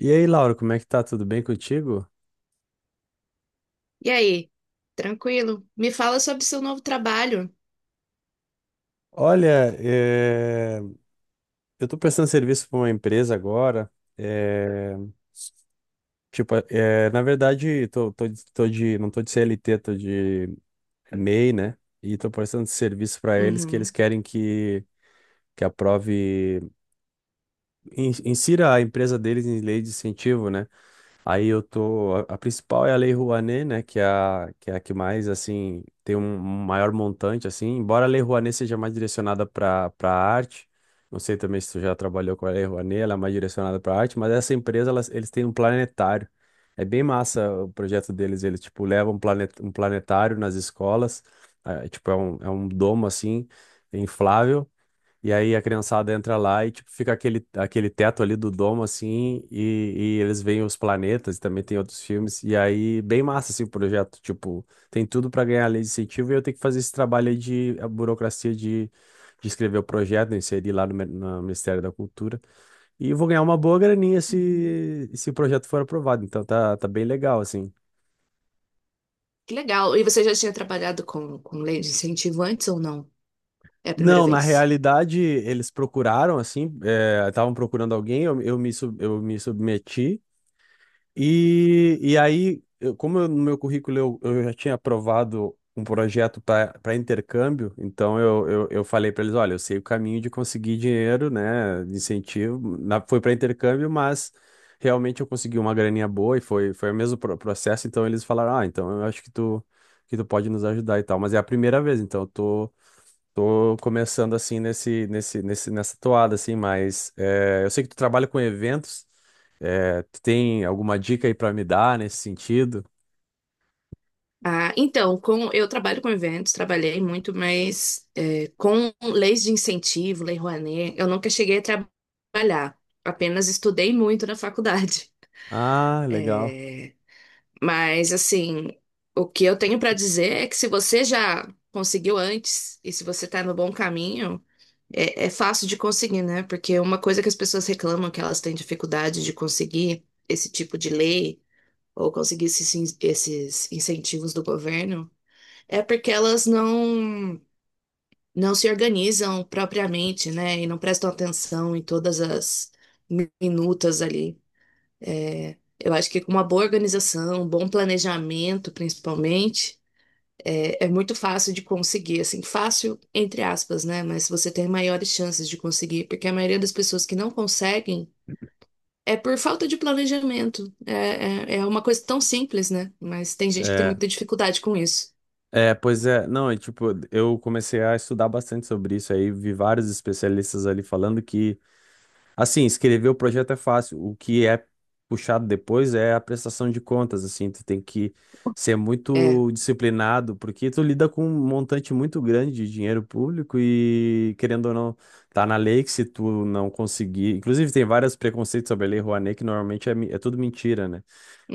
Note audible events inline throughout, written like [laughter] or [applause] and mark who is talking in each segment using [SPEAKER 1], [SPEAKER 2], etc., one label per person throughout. [SPEAKER 1] E aí, Laura, como é que tá? Tudo bem contigo?
[SPEAKER 2] E aí? Tranquilo? Me fala sobre seu novo trabalho.
[SPEAKER 1] Olha, eu tô prestando serviço para uma empresa agora. eh, Tipo, na verdade, não tô de CLT, tô de MEI, né? E tô prestando serviço para eles que eles
[SPEAKER 2] Uhum.
[SPEAKER 1] querem que aprove, insira a empresa deles em lei de incentivo, né? Aí eu tô. A principal é a Lei Rouanet, né? É a que mais, assim, tem um maior montante, assim. Embora a Lei Rouanet seja mais direcionada para arte, não sei também se tu já trabalhou com a Lei Rouanet, ela é mais direcionada para arte, mas essa empresa, eles têm um planetário. É bem massa o projeto deles. Eles, tipo, levam um planetário nas escolas, ah, tipo, é um domo, assim, inflável. E aí a criançada entra lá e tipo, fica aquele teto ali do domo, assim, e eles veem os planetas, e também tem outros filmes, e aí bem massa assim, o projeto, tipo, tem tudo para ganhar a lei de incentivo e eu tenho que fazer esse trabalho aí de a burocracia de escrever o projeto, né, inserir lá no, no Ministério da Cultura, e vou ganhar uma boa graninha
[SPEAKER 2] Uhum.
[SPEAKER 1] se o projeto for aprovado, então tá bem legal, assim.
[SPEAKER 2] Que legal. E você já tinha trabalhado com lei de incentivo antes ou não? É a primeira
[SPEAKER 1] Não, na
[SPEAKER 2] vez?
[SPEAKER 1] realidade eles procuraram, assim, estavam procurando alguém, eu me submeti. E aí, eu- como eu- no meu currículo eu já tinha aprovado um projeto para intercâmbio, então eu falei para eles: olha, eu sei o caminho de conseguir dinheiro, né, de incentivo. Foi para intercâmbio, mas realmente eu consegui uma graninha boa e foi o mesmo processo. Então eles falaram: ah, então eu acho que tu pode nos ajudar e tal. Mas é a primeira vez, então eu tô. Tô começando assim nessa toada, assim, mas é, eu sei que tu trabalha com eventos. É, tu tem alguma dica aí pra me dar nesse sentido?
[SPEAKER 2] Eu trabalho com eventos, trabalhei muito, mas com leis de incentivo, Lei Rouanet, eu nunca cheguei a trabalhar. Apenas estudei muito na faculdade. [laughs]
[SPEAKER 1] Ah, legal.
[SPEAKER 2] Mas assim, o que eu tenho para dizer é que se você já conseguiu antes e se você está no bom caminho, é fácil de conseguir, né? Porque uma coisa que as pessoas reclamam que elas têm dificuldade de conseguir esse tipo de lei ou conseguir esses incentivos do governo é porque elas não se organizam propriamente, né? E não prestam atenção em todas as minutas ali. Eu acho que com uma boa organização, um bom planejamento, principalmente, é muito fácil de conseguir, assim, fácil entre aspas, né? Mas você tem maiores chances de conseguir, porque a maioria das pessoas que não conseguem é por falta de planejamento. É uma coisa tão simples, né? Mas tem gente que tem
[SPEAKER 1] É,
[SPEAKER 2] muita dificuldade com isso.
[SPEAKER 1] pois é, não, é tipo, eu comecei a estudar bastante sobre isso aí, vi vários especialistas ali falando que assim, escrever o projeto é fácil. O que é puxado depois é a prestação de contas, assim, tu tem que ser
[SPEAKER 2] É.
[SPEAKER 1] muito disciplinado, porque tu lida com um montante muito grande de dinheiro público e, querendo ou não, tá na lei que se tu não conseguir, inclusive tem vários preconceitos sobre a Lei Rouanet, que normalmente é tudo mentira, né?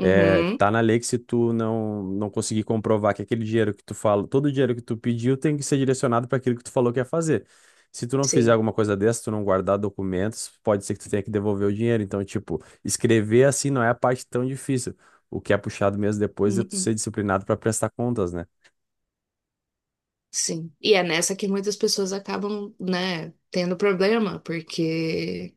[SPEAKER 1] É, tá na lei que se tu não conseguir comprovar que aquele dinheiro que tu fala, todo o dinheiro que tu pediu tem que ser direcionado para aquilo que tu falou que ia fazer. Se tu não fizer
[SPEAKER 2] Sim.
[SPEAKER 1] alguma coisa dessa, tu não guardar documentos, pode ser que tu tenha que devolver o dinheiro. Então, tipo, escrever assim não é a parte tão difícil. O que é puxado mesmo depois é tu
[SPEAKER 2] Uhum.
[SPEAKER 1] ser disciplinado para prestar contas, né?
[SPEAKER 2] Sim. E é nessa que muitas pessoas acabam, né, tendo problema, porque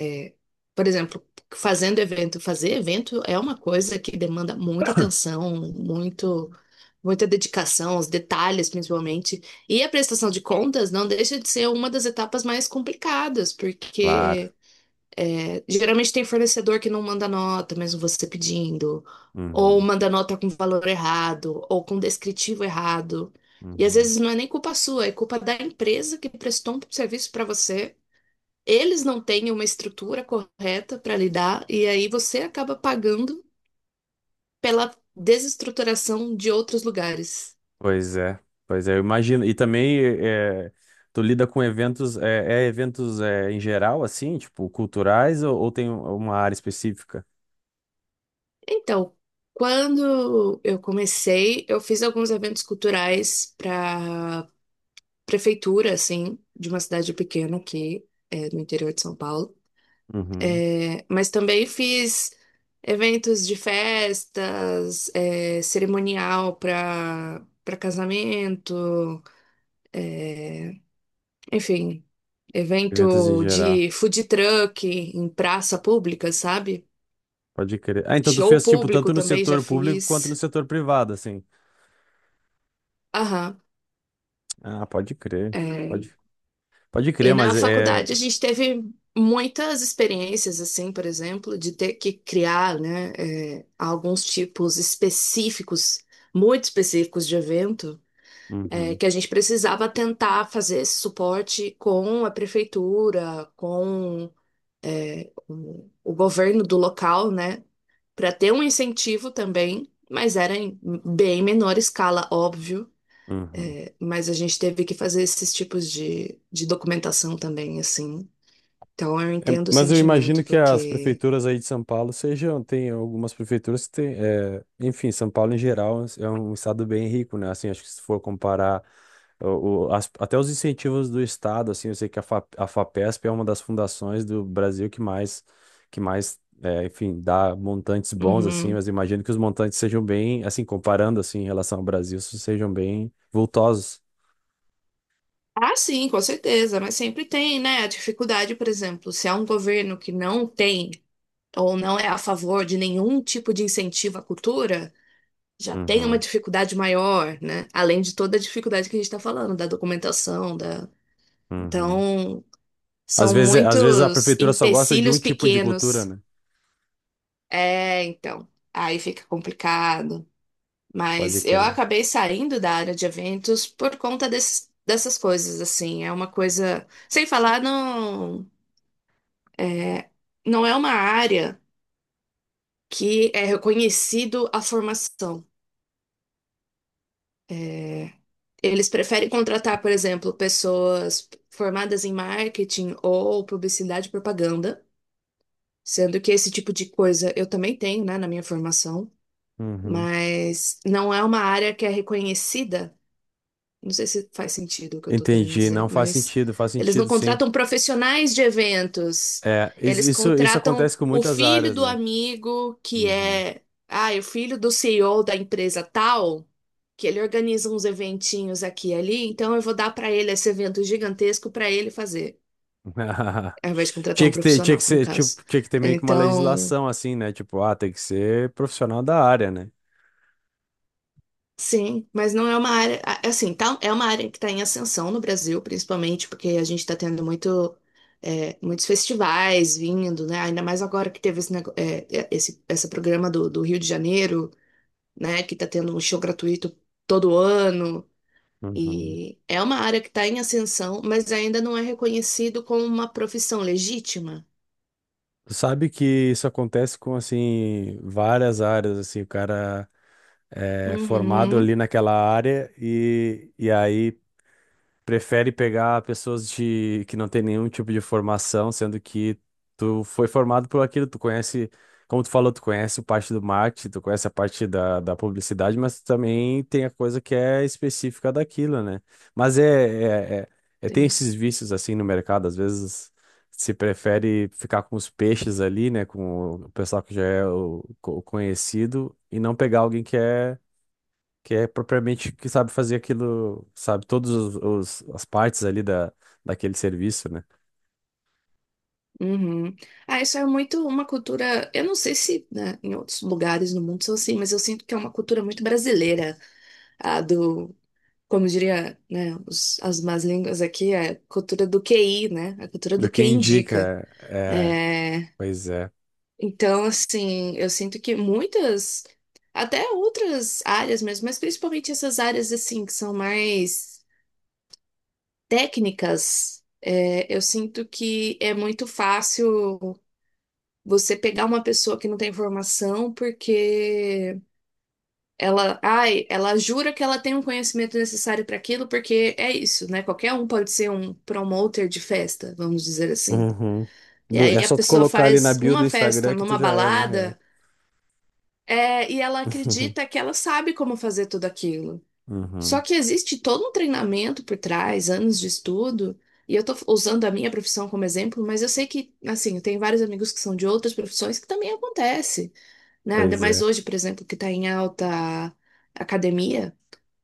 [SPEAKER 2] É, por exemplo, fazendo evento, fazer evento é uma coisa que demanda muita atenção, muita dedicação, os detalhes principalmente. E a prestação de contas não deixa de ser uma das etapas mais complicadas,
[SPEAKER 1] Claro.
[SPEAKER 2] porque geralmente tem fornecedor que não manda nota, mesmo você pedindo, ou
[SPEAKER 1] Uhum,
[SPEAKER 2] manda nota com valor errado, ou com descritivo errado. E às
[SPEAKER 1] uhum.
[SPEAKER 2] vezes não é nem culpa sua, é culpa da empresa que prestou um serviço para você. Eles não têm uma estrutura correta para lidar, e aí você acaba pagando pela desestruturação de outros lugares.
[SPEAKER 1] Pois é, pois é, eu imagino. E também é, tu lida com eventos, é, é eventos é, em geral, assim, tipo, culturais ou tem uma área específica?
[SPEAKER 2] Então, quando eu comecei, eu fiz alguns eventos culturais para prefeitura, assim, de uma cidade pequena aqui, no interior de São Paulo.
[SPEAKER 1] Uhum.
[SPEAKER 2] É, mas também fiz eventos de festas, é, cerimonial para casamento. Enfim,
[SPEAKER 1] Eventos em
[SPEAKER 2] evento
[SPEAKER 1] geral.
[SPEAKER 2] de food truck em praça pública, sabe?
[SPEAKER 1] Pode crer. Ah, então tu
[SPEAKER 2] Show
[SPEAKER 1] fez, tipo,
[SPEAKER 2] público
[SPEAKER 1] tanto no
[SPEAKER 2] também já
[SPEAKER 1] setor público quanto no
[SPEAKER 2] fiz.
[SPEAKER 1] setor privado, assim.
[SPEAKER 2] Aham.
[SPEAKER 1] Ah, pode crer.
[SPEAKER 2] É.
[SPEAKER 1] Pode, pode
[SPEAKER 2] E
[SPEAKER 1] crer,
[SPEAKER 2] na
[SPEAKER 1] mas é.
[SPEAKER 2] faculdade a gente teve muitas experiências, assim, por exemplo, de ter que criar, né, alguns tipos específicos, muito específicos de evento, é,
[SPEAKER 1] Uhum,
[SPEAKER 2] que a gente precisava tentar fazer esse suporte com a prefeitura, com, é, o governo do local, né, para ter um incentivo também, mas era em bem menor escala, óbvio.
[SPEAKER 1] uhum.
[SPEAKER 2] É, mas a gente teve que fazer esses tipos de documentação também, assim. Então eu
[SPEAKER 1] É,
[SPEAKER 2] entendo o
[SPEAKER 1] mas eu imagino
[SPEAKER 2] sentimento,
[SPEAKER 1] que as
[SPEAKER 2] porque.
[SPEAKER 1] prefeituras aí de São Paulo sejam, tem algumas prefeituras que tem, é, enfim, São Paulo em geral é um estado bem rico, né? Assim, acho que se for comparar até os incentivos do estado, assim, eu sei que a FAPESP é uma das fundações do Brasil que mais, é, enfim, dá montantes bons, assim,
[SPEAKER 2] Uhum.
[SPEAKER 1] mas imagino que os montantes sejam bem, assim, comparando, assim, em relação ao Brasil, sejam bem vultosos.
[SPEAKER 2] Ah sim, com certeza, mas sempre tem, né? A dificuldade, por exemplo, se há um governo que não tem ou não é a favor de nenhum tipo de incentivo à cultura, já tem uma
[SPEAKER 1] Uhum,
[SPEAKER 2] dificuldade maior, né? Além de toda a dificuldade que a gente está falando, da documentação, da.
[SPEAKER 1] uhum.
[SPEAKER 2] Então,
[SPEAKER 1] Às
[SPEAKER 2] são
[SPEAKER 1] vezes, é, às vezes a
[SPEAKER 2] muitos
[SPEAKER 1] prefeitura só gosta de um
[SPEAKER 2] empecilhos
[SPEAKER 1] tipo de cultura,
[SPEAKER 2] pequenos.
[SPEAKER 1] né?
[SPEAKER 2] É, então, aí fica complicado.
[SPEAKER 1] Pode
[SPEAKER 2] Mas eu
[SPEAKER 1] crer.
[SPEAKER 2] acabei saindo da área de eventos por conta desses, dessas coisas, assim. É uma coisa. Sem falar, não é, não é uma área que é reconhecido a formação. É, eles preferem contratar, por exemplo, pessoas formadas em marketing ou publicidade e propaganda, sendo que esse tipo de coisa eu também tenho, né, na minha formação.
[SPEAKER 1] Uhum.
[SPEAKER 2] Mas não é uma área que é reconhecida. Não sei se faz sentido o que eu estou querendo
[SPEAKER 1] Entendi.
[SPEAKER 2] dizer,
[SPEAKER 1] Não faz
[SPEAKER 2] mas
[SPEAKER 1] sentido, faz
[SPEAKER 2] eles não
[SPEAKER 1] sentido, sim.
[SPEAKER 2] contratam profissionais de eventos,
[SPEAKER 1] É,
[SPEAKER 2] eles
[SPEAKER 1] isso, isso
[SPEAKER 2] contratam
[SPEAKER 1] acontece com
[SPEAKER 2] o
[SPEAKER 1] muitas
[SPEAKER 2] filho
[SPEAKER 1] áreas,
[SPEAKER 2] do
[SPEAKER 1] né?
[SPEAKER 2] amigo que
[SPEAKER 1] Uhum.
[SPEAKER 2] é, ah, é o filho do CEO da empresa tal, que ele organiza uns eventinhos aqui e ali, então eu vou dar para ele esse evento gigantesco para ele fazer,
[SPEAKER 1] [laughs]
[SPEAKER 2] ao invés de contratar
[SPEAKER 1] Tinha
[SPEAKER 2] um
[SPEAKER 1] que ter, tinha que
[SPEAKER 2] profissional, no
[SPEAKER 1] ser,
[SPEAKER 2] caso.
[SPEAKER 1] tipo, tinha que ter meio que uma
[SPEAKER 2] Então,
[SPEAKER 1] legislação assim, né? Tipo, ah, tem que ser profissional da área, né?
[SPEAKER 2] sim, mas não é uma área, é assim, tá, é uma área que está em ascensão no Brasil, principalmente porque a gente está tendo muito, é, muitos festivais vindo, né? Ainda mais agora que teve esse, nego- é, é, esse programa do Rio de Janeiro, né? Que está tendo um show gratuito todo ano.
[SPEAKER 1] Uhum.
[SPEAKER 2] E é uma área que está em ascensão, mas ainda não é reconhecido como uma profissão legítima.
[SPEAKER 1] Sabe que isso acontece com, assim, várias áreas, assim, o cara é formado
[SPEAKER 2] Uhum.
[SPEAKER 1] ali naquela área e aí prefere pegar pessoas de que não tem nenhum tipo de formação, sendo que tu foi formado por aquilo, tu conhece, como tu falou, tu conhece parte do marketing, tu conhece a parte da, da publicidade, mas tu também tem a coisa que é específica daquilo, né? Mas tem esses vícios assim no mercado, às vezes se prefere ficar com os peixes ali, né, com o pessoal que já é conhecido e não pegar alguém que é propriamente que sabe fazer aquilo, sabe, as partes ali da, daquele serviço, né?
[SPEAKER 2] Uhum. Ah, isso é muito uma cultura. Eu não sei se, né, em outros lugares no mundo são assim, mas eu sinto que é uma cultura muito brasileira, a do, como diria, né, as más línguas aqui, é a cultura do QI, né? A cultura
[SPEAKER 1] Do
[SPEAKER 2] do
[SPEAKER 1] que
[SPEAKER 2] que indica.
[SPEAKER 1] indica, é,
[SPEAKER 2] É,
[SPEAKER 1] pois é.
[SPEAKER 2] então, assim, eu sinto que muitas, até outras áreas mesmo, mas principalmente essas áreas assim que são mais técnicas, é, eu sinto que é muito fácil você pegar uma pessoa que não tem formação porque ela, ai, ela jura que ela tem um conhecimento necessário para aquilo, porque é isso, né? Qualquer um pode ser um promoter de festa, vamos dizer assim.
[SPEAKER 1] Uhum.
[SPEAKER 2] E
[SPEAKER 1] É
[SPEAKER 2] aí a
[SPEAKER 1] só tu
[SPEAKER 2] pessoa
[SPEAKER 1] colocar ali na
[SPEAKER 2] faz
[SPEAKER 1] bio do
[SPEAKER 2] uma festa
[SPEAKER 1] Instagram que tu
[SPEAKER 2] numa
[SPEAKER 1] já é, na real.
[SPEAKER 2] balada, é, e ela acredita
[SPEAKER 1] [laughs]
[SPEAKER 2] que ela sabe como fazer tudo aquilo. Só
[SPEAKER 1] Uhum.
[SPEAKER 2] que existe todo um treinamento por trás, anos de estudo. E eu tô usando a minha profissão como exemplo, mas eu sei que, assim, eu tenho vários amigos que são de outras profissões que também acontece. Né? Ainda
[SPEAKER 1] Pois é.
[SPEAKER 2] mais hoje, por exemplo, que está em alta academia,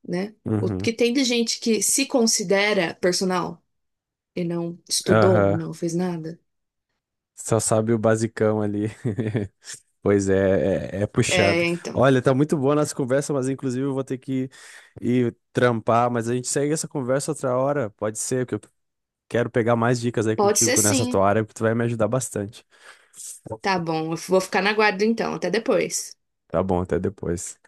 [SPEAKER 2] né? O
[SPEAKER 1] Uhum.
[SPEAKER 2] que tem de gente que se considera personal e não estudou,
[SPEAKER 1] Aham.
[SPEAKER 2] não fez nada?
[SPEAKER 1] Só sabe o basicão ali. [laughs] Pois é, é, é
[SPEAKER 2] É,
[SPEAKER 1] puxado.
[SPEAKER 2] então.
[SPEAKER 1] Olha, tá muito boa a nossa conversa, mas inclusive eu vou ter que ir trampar, mas a gente segue essa conversa outra hora, pode ser, porque eu quero pegar mais dicas aí
[SPEAKER 2] Pode ser
[SPEAKER 1] contigo nessa
[SPEAKER 2] sim.
[SPEAKER 1] tua área, porque tu vai me ajudar bastante.
[SPEAKER 2] Tá bom, eu vou ficar na guarda então. Até depois.
[SPEAKER 1] Tá bom, até depois.